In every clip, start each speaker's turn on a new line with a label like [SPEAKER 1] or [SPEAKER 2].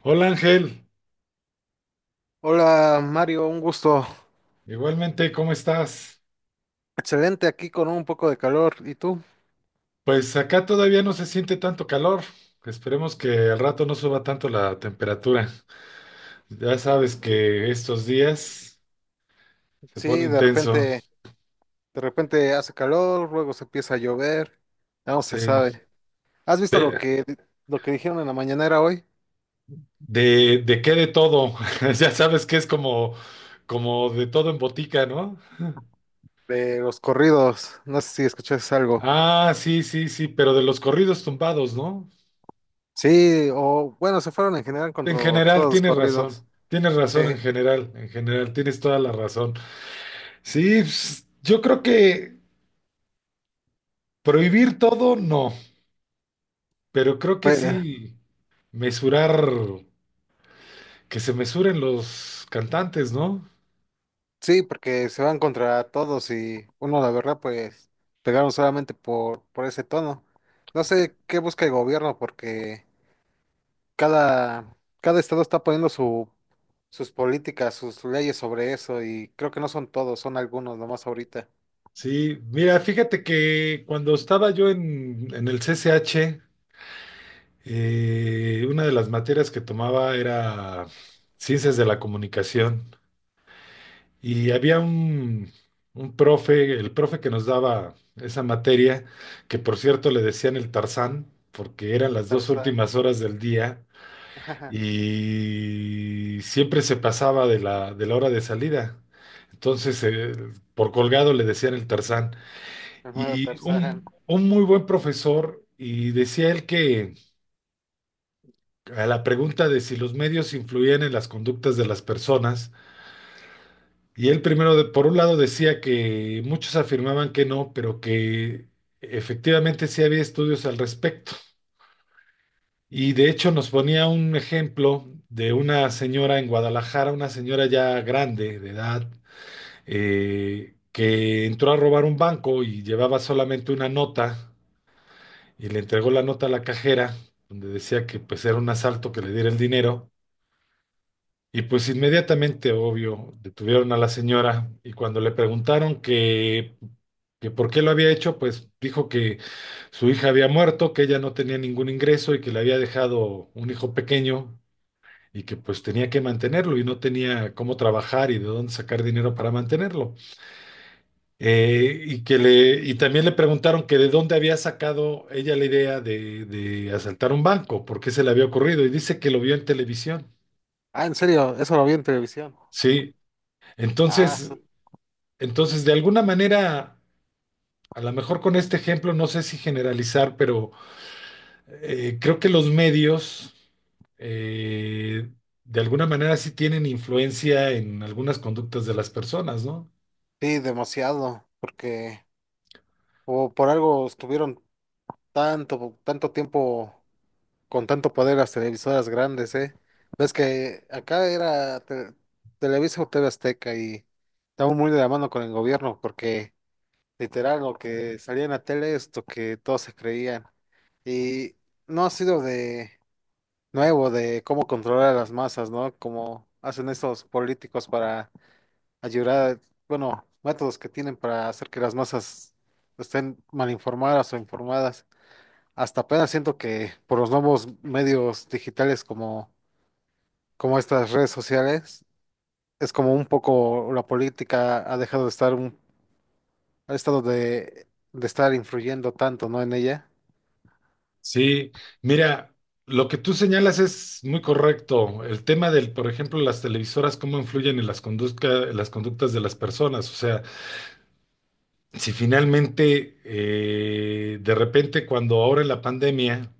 [SPEAKER 1] Hola Ángel,
[SPEAKER 2] Hola Mario, un gusto.
[SPEAKER 1] igualmente, ¿cómo estás?
[SPEAKER 2] Excelente aquí con un poco de calor. ¿Y tú?
[SPEAKER 1] Pues acá todavía no se siente tanto calor. Esperemos que al rato no suba tanto la temperatura. Ya sabes que estos días se
[SPEAKER 2] Sí,
[SPEAKER 1] pone intenso.
[SPEAKER 2] de repente hace calor, luego se empieza a llover, ya no se
[SPEAKER 1] Eh,
[SPEAKER 2] sabe. ¿Has visto lo que dijeron en la mañanera hoy
[SPEAKER 1] de qué de todo. Ya sabes que es como de todo en botica, ¿no?
[SPEAKER 2] de los corridos? No sé si escuchaste algo.
[SPEAKER 1] Ah, sí, sí, sí, pero de los corridos tumbados, ¿no?
[SPEAKER 2] Sí, o bueno, se fueron en general
[SPEAKER 1] En
[SPEAKER 2] contra
[SPEAKER 1] general,
[SPEAKER 2] todos los
[SPEAKER 1] tienes
[SPEAKER 2] corridos.
[SPEAKER 1] razón. Tienes
[SPEAKER 2] Sí,
[SPEAKER 1] razón en general, tienes toda la razón. Sí, pues, yo creo que prohibir todo, no, pero creo que
[SPEAKER 2] pues,
[SPEAKER 1] sí mesurar, que se mesuren los cantantes, ¿no?
[SPEAKER 2] sí, porque se van contra todos y uno, la verdad, pues pegaron solamente por ese tono. No sé qué busca el gobierno porque cada, cada estado está poniendo sus políticas, sus leyes sobre eso, y creo que no son todos, son algunos nomás ahorita.
[SPEAKER 1] Sí, mira, fíjate que cuando estaba yo en el CCH, una de las materias que tomaba era ciencias de la comunicación y había un profe, el profe que nos daba esa materia, que por cierto le decían el Tarzán, porque eran las dos
[SPEAKER 2] Tarzán,
[SPEAKER 1] últimas horas del día y siempre se pasaba de de la hora de salida. Entonces, por colgado le decían el Tarzán.
[SPEAKER 2] el nuevo
[SPEAKER 1] Y
[SPEAKER 2] Tarzán.
[SPEAKER 1] un muy buen profesor, y decía él que a la pregunta de si los medios influían en las conductas de las personas, y él primero, por un lado, decía que muchos afirmaban que no, pero que efectivamente sí había estudios al respecto. Y de hecho nos ponía un ejemplo de una señora en Guadalajara, una señora ya grande de edad, que entró a robar un banco y llevaba solamente una nota y le entregó la nota a la cajera, donde decía que pues era un asalto que le diera el dinero. Y pues inmediatamente, obvio, detuvieron a la señora y cuando le preguntaron que por qué lo había hecho, pues dijo que su hija había muerto, que ella no tenía ningún ingreso y que le había dejado un hijo pequeño y que pues tenía que mantenerlo y no tenía cómo trabajar y de dónde sacar dinero para mantenerlo. Y que le, y también le preguntaron que de dónde había sacado ella la idea de asaltar un banco, por qué se le había ocurrido, y dice que lo vio en televisión.
[SPEAKER 2] Ah, en serio, eso lo vi en televisión.
[SPEAKER 1] Sí,
[SPEAKER 2] Ah,
[SPEAKER 1] entonces,
[SPEAKER 2] su-
[SPEAKER 1] entonces de alguna manera, a lo mejor con este ejemplo, no sé si generalizar, pero creo que los medios eh, de alguna manera sí tienen influencia en algunas conductas de las personas, ¿no?
[SPEAKER 2] sí, demasiado, porque o por algo estuvieron tanto tiempo con tanto poder las televisoras grandes, ¿eh? Ves que Televisa o TV Azteca y estamos muy de la mano con el gobierno porque literal lo que salía en la tele es lo que todos se creían. Y no ha sido de nuevo de cómo controlar a las masas, ¿no? Como hacen estos políticos para ayudar, bueno, métodos que tienen para hacer que las masas estén mal informadas o informadas. Hasta apenas siento que por los nuevos medios digitales como estas redes sociales, es como un poco la política ha dejado de estar un, ha estado de estar influyendo tanto, ¿no? En ella.
[SPEAKER 1] Sí, mira, lo que tú señalas es muy correcto. El tema del, por ejemplo, las televisoras, cómo influyen en las en las conductas de las personas. O sea, si finalmente, de repente, cuando ahora en la pandemia,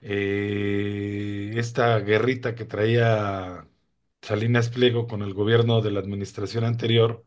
[SPEAKER 1] esta guerrita que traía Salinas Pliego con el gobierno de la administración anterior,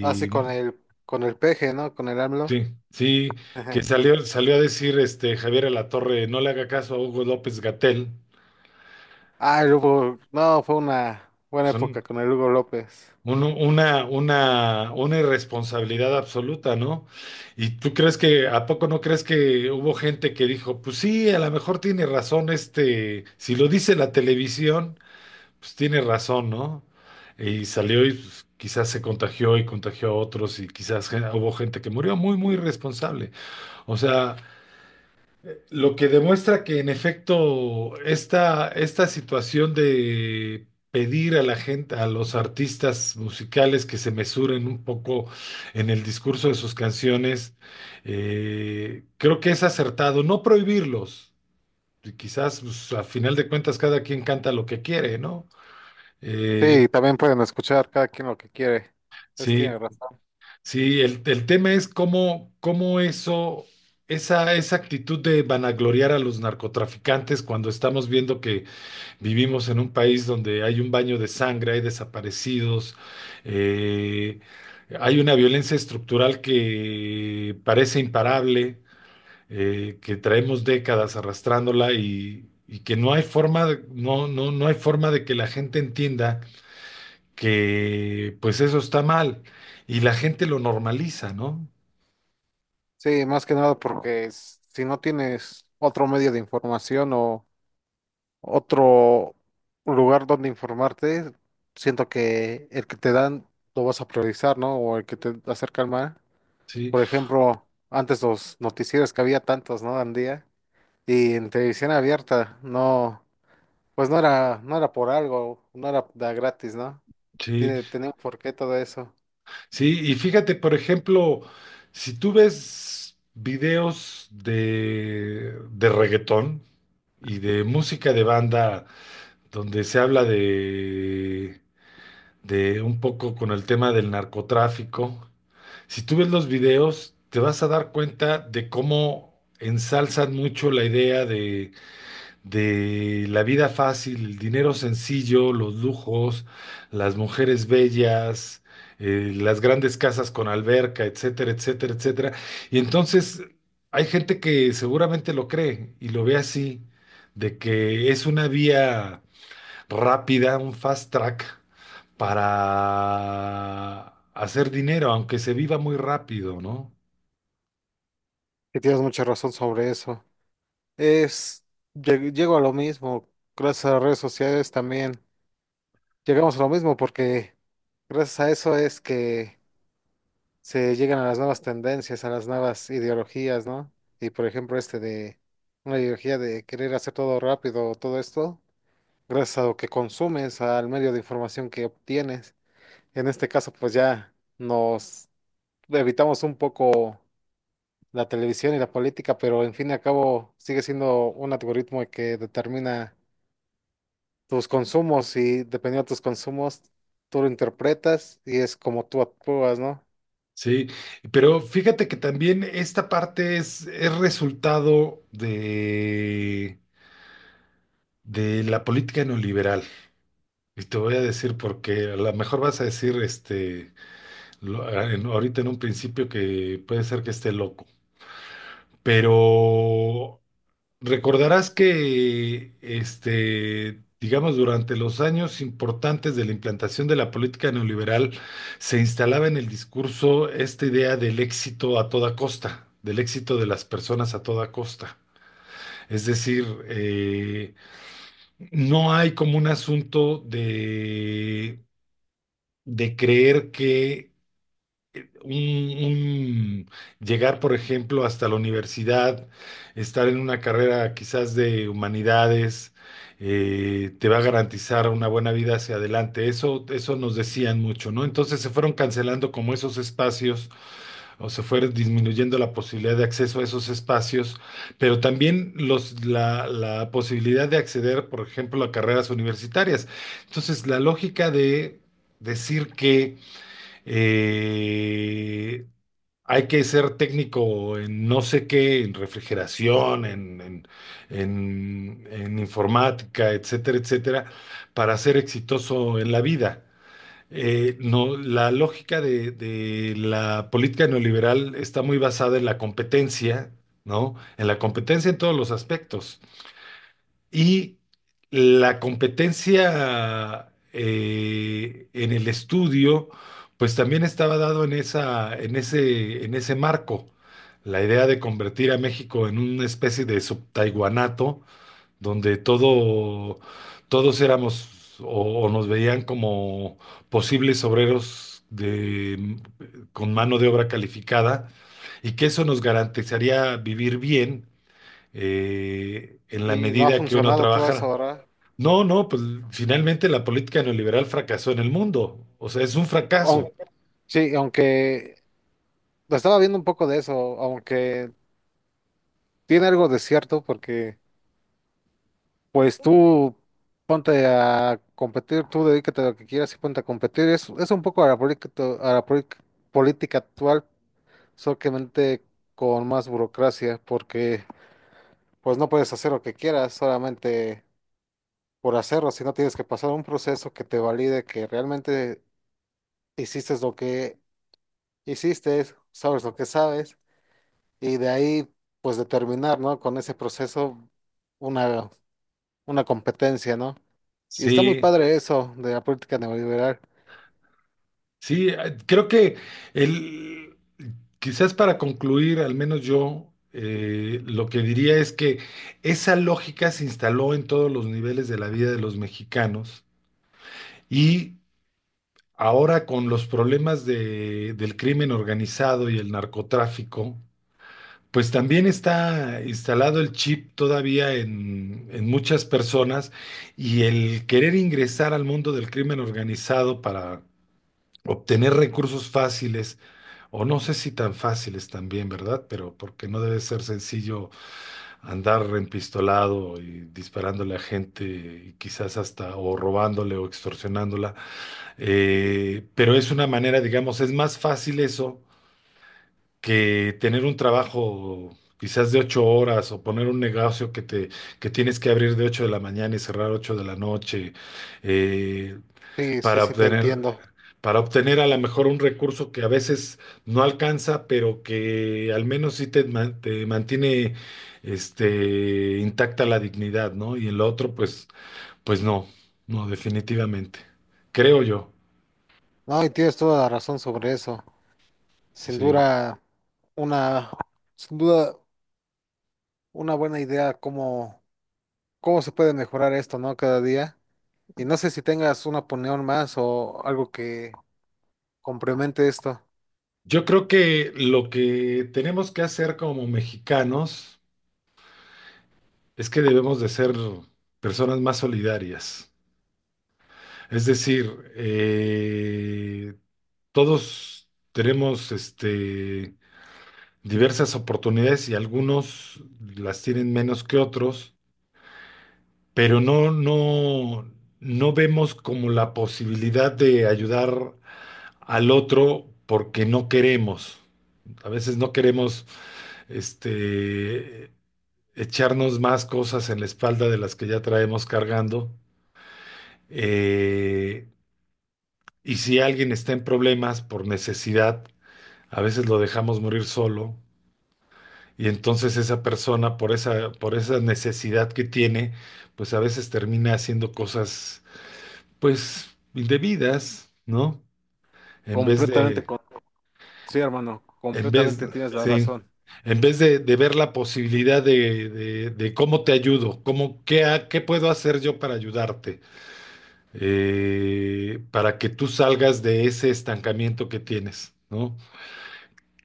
[SPEAKER 2] Así con el peje, ¿no? Con el AMLO.
[SPEAKER 1] sí, sí, que
[SPEAKER 2] Ajá.
[SPEAKER 1] salió, salió a decir este Javier Alatorre, no le haga caso a Hugo López Gatel.
[SPEAKER 2] Ah, el Hugo, no, fue una buena época con el Hugo López.
[SPEAKER 1] Una una irresponsabilidad absoluta, ¿no? ¿Y tú crees que, a poco no crees que hubo gente que dijo, pues sí, a lo mejor tiene razón este, si lo dice la televisión, pues tiene razón, ¿no? Y salió y pues, quizás se contagió y contagió a otros y quizás hubo gente que murió muy, muy irresponsable. O sea, lo que demuestra que en efecto esta, esta situación de pedir a la gente, a los artistas musicales que se mesuren un poco en el discurso de sus canciones, creo que es acertado. No prohibirlos, y quizás pues, a final de cuentas cada quien canta lo que quiere, ¿no? Eh,
[SPEAKER 2] Sí, también pueden escuchar cada quien lo que quiere. Es tiene
[SPEAKER 1] sí,
[SPEAKER 2] razón.
[SPEAKER 1] sí, el tema es cómo, cómo eso... Esa actitud de vanagloriar a los narcotraficantes cuando estamos viendo que vivimos en un país donde hay un baño de sangre, hay desaparecidos, eh, hay una violencia estructural que parece imparable, que traemos décadas arrastrándola y que no hay forma de, no, no, no hay forma de que la gente entienda que pues eso está mal y la gente lo normaliza, ¿no?
[SPEAKER 2] Sí, más que nada porque si no tienes otro medio de información o otro lugar donde informarte, siento que el que te dan lo vas a priorizar, ¿no? O el que te acerca al mar.
[SPEAKER 1] Sí,
[SPEAKER 2] Por ejemplo, antes los noticieros que había tantos, ¿no? Al día. Y en televisión abierta, no, pues no era, no era por algo, no era da gratis, ¿no?
[SPEAKER 1] sí.
[SPEAKER 2] Tenía un porqué todo eso.
[SPEAKER 1] Sí, y fíjate, por ejemplo, si tú ves videos de reggaetón y de música de banda donde se habla de un poco con el tema del narcotráfico, si tú ves los videos, te vas a dar cuenta de cómo ensalzan mucho la idea de la vida fácil, el dinero sencillo, los lujos, las mujeres bellas, las grandes casas con alberca, etcétera, etcétera, etcétera. Y entonces hay gente que seguramente lo cree y lo ve así, de que es una vía rápida, un fast track para hacer dinero, aunque se viva muy rápido, ¿no?
[SPEAKER 2] Y tienes mucha razón sobre eso. Es, llego a lo mismo, gracias a las redes sociales también. Llegamos a lo mismo porque gracias a eso es que se llegan a las nuevas tendencias, a las nuevas ideologías, ¿no? Y por ejemplo, este de una ideología de querer hacer todo rápido, todo esto, gracias a lo que consumes, al medio de información que obtienes. En este caso, pues ya nos evitamos un poco la televisión y la política, pero en fin y al cabo sigue siendo un algoritmo que determina tus consumos y dependiendo de tus consumos, tú lo interpretas y es como tú actúas, ¿no?
[SPEAKER 1] Sí, pero fíjate que también esta parte es resultado de la política neoliberal. Y te voy a decir porque a lo mejor vas a decir este ahorita en un principio que puede ser que esté loco, pero recordarás que, este, digamos, durante los años importantes de la implantación de la política neoliberal, se instalaba en el discurso esta idea del éxito a toda costa, del éxito de las personas a toda costa. Es decir, no hay como un asunto de creer que un- un- llegar, por ejemplo, hasta la universidad, estar en una carrera quizás de humanidades, te va a garantizar una buena vida hacia adelante. Eso nos decían mucho, ¿no? Entonces se fueron cancelando como esos espacios o se fue disminuyendo la posibilidad de acceso a esos espacios, pero también los, la posibilidad de acceder, por ejemplo, a carreras universitarias. Entonces, la lógica de decir que eh, hay que ser técnico en no sé qué, en refrigeración, en informática, etcétera, etcétera, para ser exitoso en la vida. No, la lógica de la política neoliberal está muy basada en la competencia, ¿no? En la competencia en todos los aspectos. Y la competencia en el estudio, pues también estaba dado en esa, en ese marco. La idea de convertir a México en una especie de subtaiwanato, donde todo, todos éramos o nos veían como posibles obreros de, con mano de obra calificada, y que eso nos garantizaría vivir bien en la
[SPEAKER 2] Y no ha
[SPEAKER 1] medida que uno
[SPEAKER 2] funcionado todo eso,
[SPEAKER 1] trabajara.
[SPEAKER 2] ¿verdad?
[SPEAKER 1] No, no, pues finalmente la política neoliberal fracasó en el mundo. O sea, es un fracaso.
[SPEAKER 2] Aunque, sí, aunque lo estaba viendo un poco de eso, aunque tiene algo de cierto porque... Pues tú ponte a competir, tú dedícate a lo que quieras y ponte a competir. Es un poco a política, a la polic- política actual, solamente con más burocracia, porque pues no puedes hacer lo que quieras solamente por hacerlo, sino tienes que pasar un proceso que te valide que realmente hiciste lo que hiciste, sabes lo que sabes, y de ahí pues determinar, ¿no? Con ese proceso una, una competencia, ¿no? Y está muy
[SPEAKER 1] Sí,
[SPEAKER 2] padre eso de la política neoliberal.
[SPEAKER 1] sí, creo que el, quizás para concluir, al menos yo, lo que diría es que esa lógica se instaló en todos los niveles de la vida de los mexicanos y ahora con los problemas del crimen organizado y el narcotráfico, pues también está instalado el chip todavía en muchas personas y el querer ingresar al mundo del crimen organizado para obtener recursos fáciles, o no sé si tan fáciles también, ¿verdad? Pero porque no debe ser sencillo andar empistolado y disparándole a gente y quizás hasta o robándole o extorsionándola. Pero es una manera, digamos, es más fácil eso que tener un trabajo quizás de ocho horas o poner un negocio que tienes que abrir de ocho de la mañana y cerrar ocho de la noche eh,
[SPEAKER 2] Sí, sí,
[SPEAKER 1] para
[SPEAKER 2] sí, te
[SPEAKER 1] obtener
[SPEAKER 2] entiendo.
[SPEAKER 1] para obtener a lo mejor un recurso que a veces no alcanza, pero que al menos sí te, te mantiene este, intacta la dignidad, ¿no? Y el otro, pues, pues no, no, definitivamente. Creo yo,
[SPEAKER 2] No, y tienes toda la razón sobre eso. Sin
[SPEAKER 1] sí.
[SPEAKER 2] duda, una, sin duda, una buena idea cómo se puede mejorar esto, ¿no? Cada día. Y no sé si tengas una opinión más o algo que complemente esto.
[SPEAKER 1] Yo creo que lo que tenemos que hacer como mexicanos es que debemos de ser personas más solidarias. Es decir, todos tenemos este, diversas oportunidades y algunos las tienen menos que otros, pero no, no, no vemos como la posibilidad de ayudar al otro porque no queremos. A veces no queremos este, echarnos más cosas en la espalda de las que ya traemos cargando. Eh, y si alguien está en problemas por necesidad, a veces lo dejamos morir solo. Y entonces esa persona, por esa necesidad que tiene, pues a veces termina haciendo cosas, pues, indebidas, ¿no? En vez
[SPEAKER 2] Completamente,
[SPEAKER 1] de,
[SPEAKER 2] con- sí, hermano,
[SPEAKER 1] en vez,
[SPEAKER 2] completamente tienes la
[SPEAKER 1] sí,
[SPEAKER 2] razón.
[SPEAKER 1] en vez de ver la posibilidad de, de cómo te ayudo, cómo, qué, qué puedo hacer yo para ayudarte, para que tú salgas de ese estancamiento que tienes, ¿no?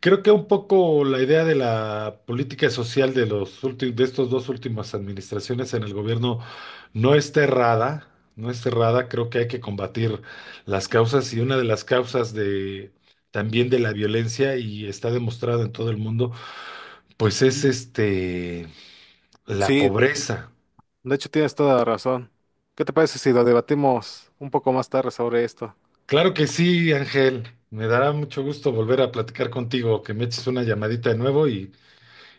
[SPEAKER 1] Creo que un poco la idea de la política social de los de estos dos últimas administraciones en el gobierno no está errada, no está errada. Creo que hay que combatir las causas y una de las causas de también de la violencia y está demostrada en todo el mundo, pues es este la
[SPEAKER 2] Sí,
[SPEAKER 1] pobreza.
[SPEAKER 2] de hecho tienes toda la razón. ¿Qué te parece si lo debatimos un poco más tarde sobre esto?
[SPEAKER 1] Claro que sí, Ángel. Me dará mucho gusto volver a platicar contigo, que me eches una llamadita de nuevo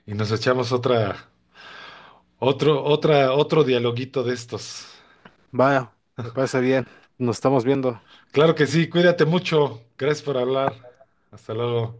[SPEAKER 1] y nos echamos otra, otro dialoguito de estos.
[SPEAKER 2] Vaya, me parece bien. Nos estamos viendo.
[SPEAKER 1] Claro que sí, cuídate mucho. Gracias por hablar. Hasta luego.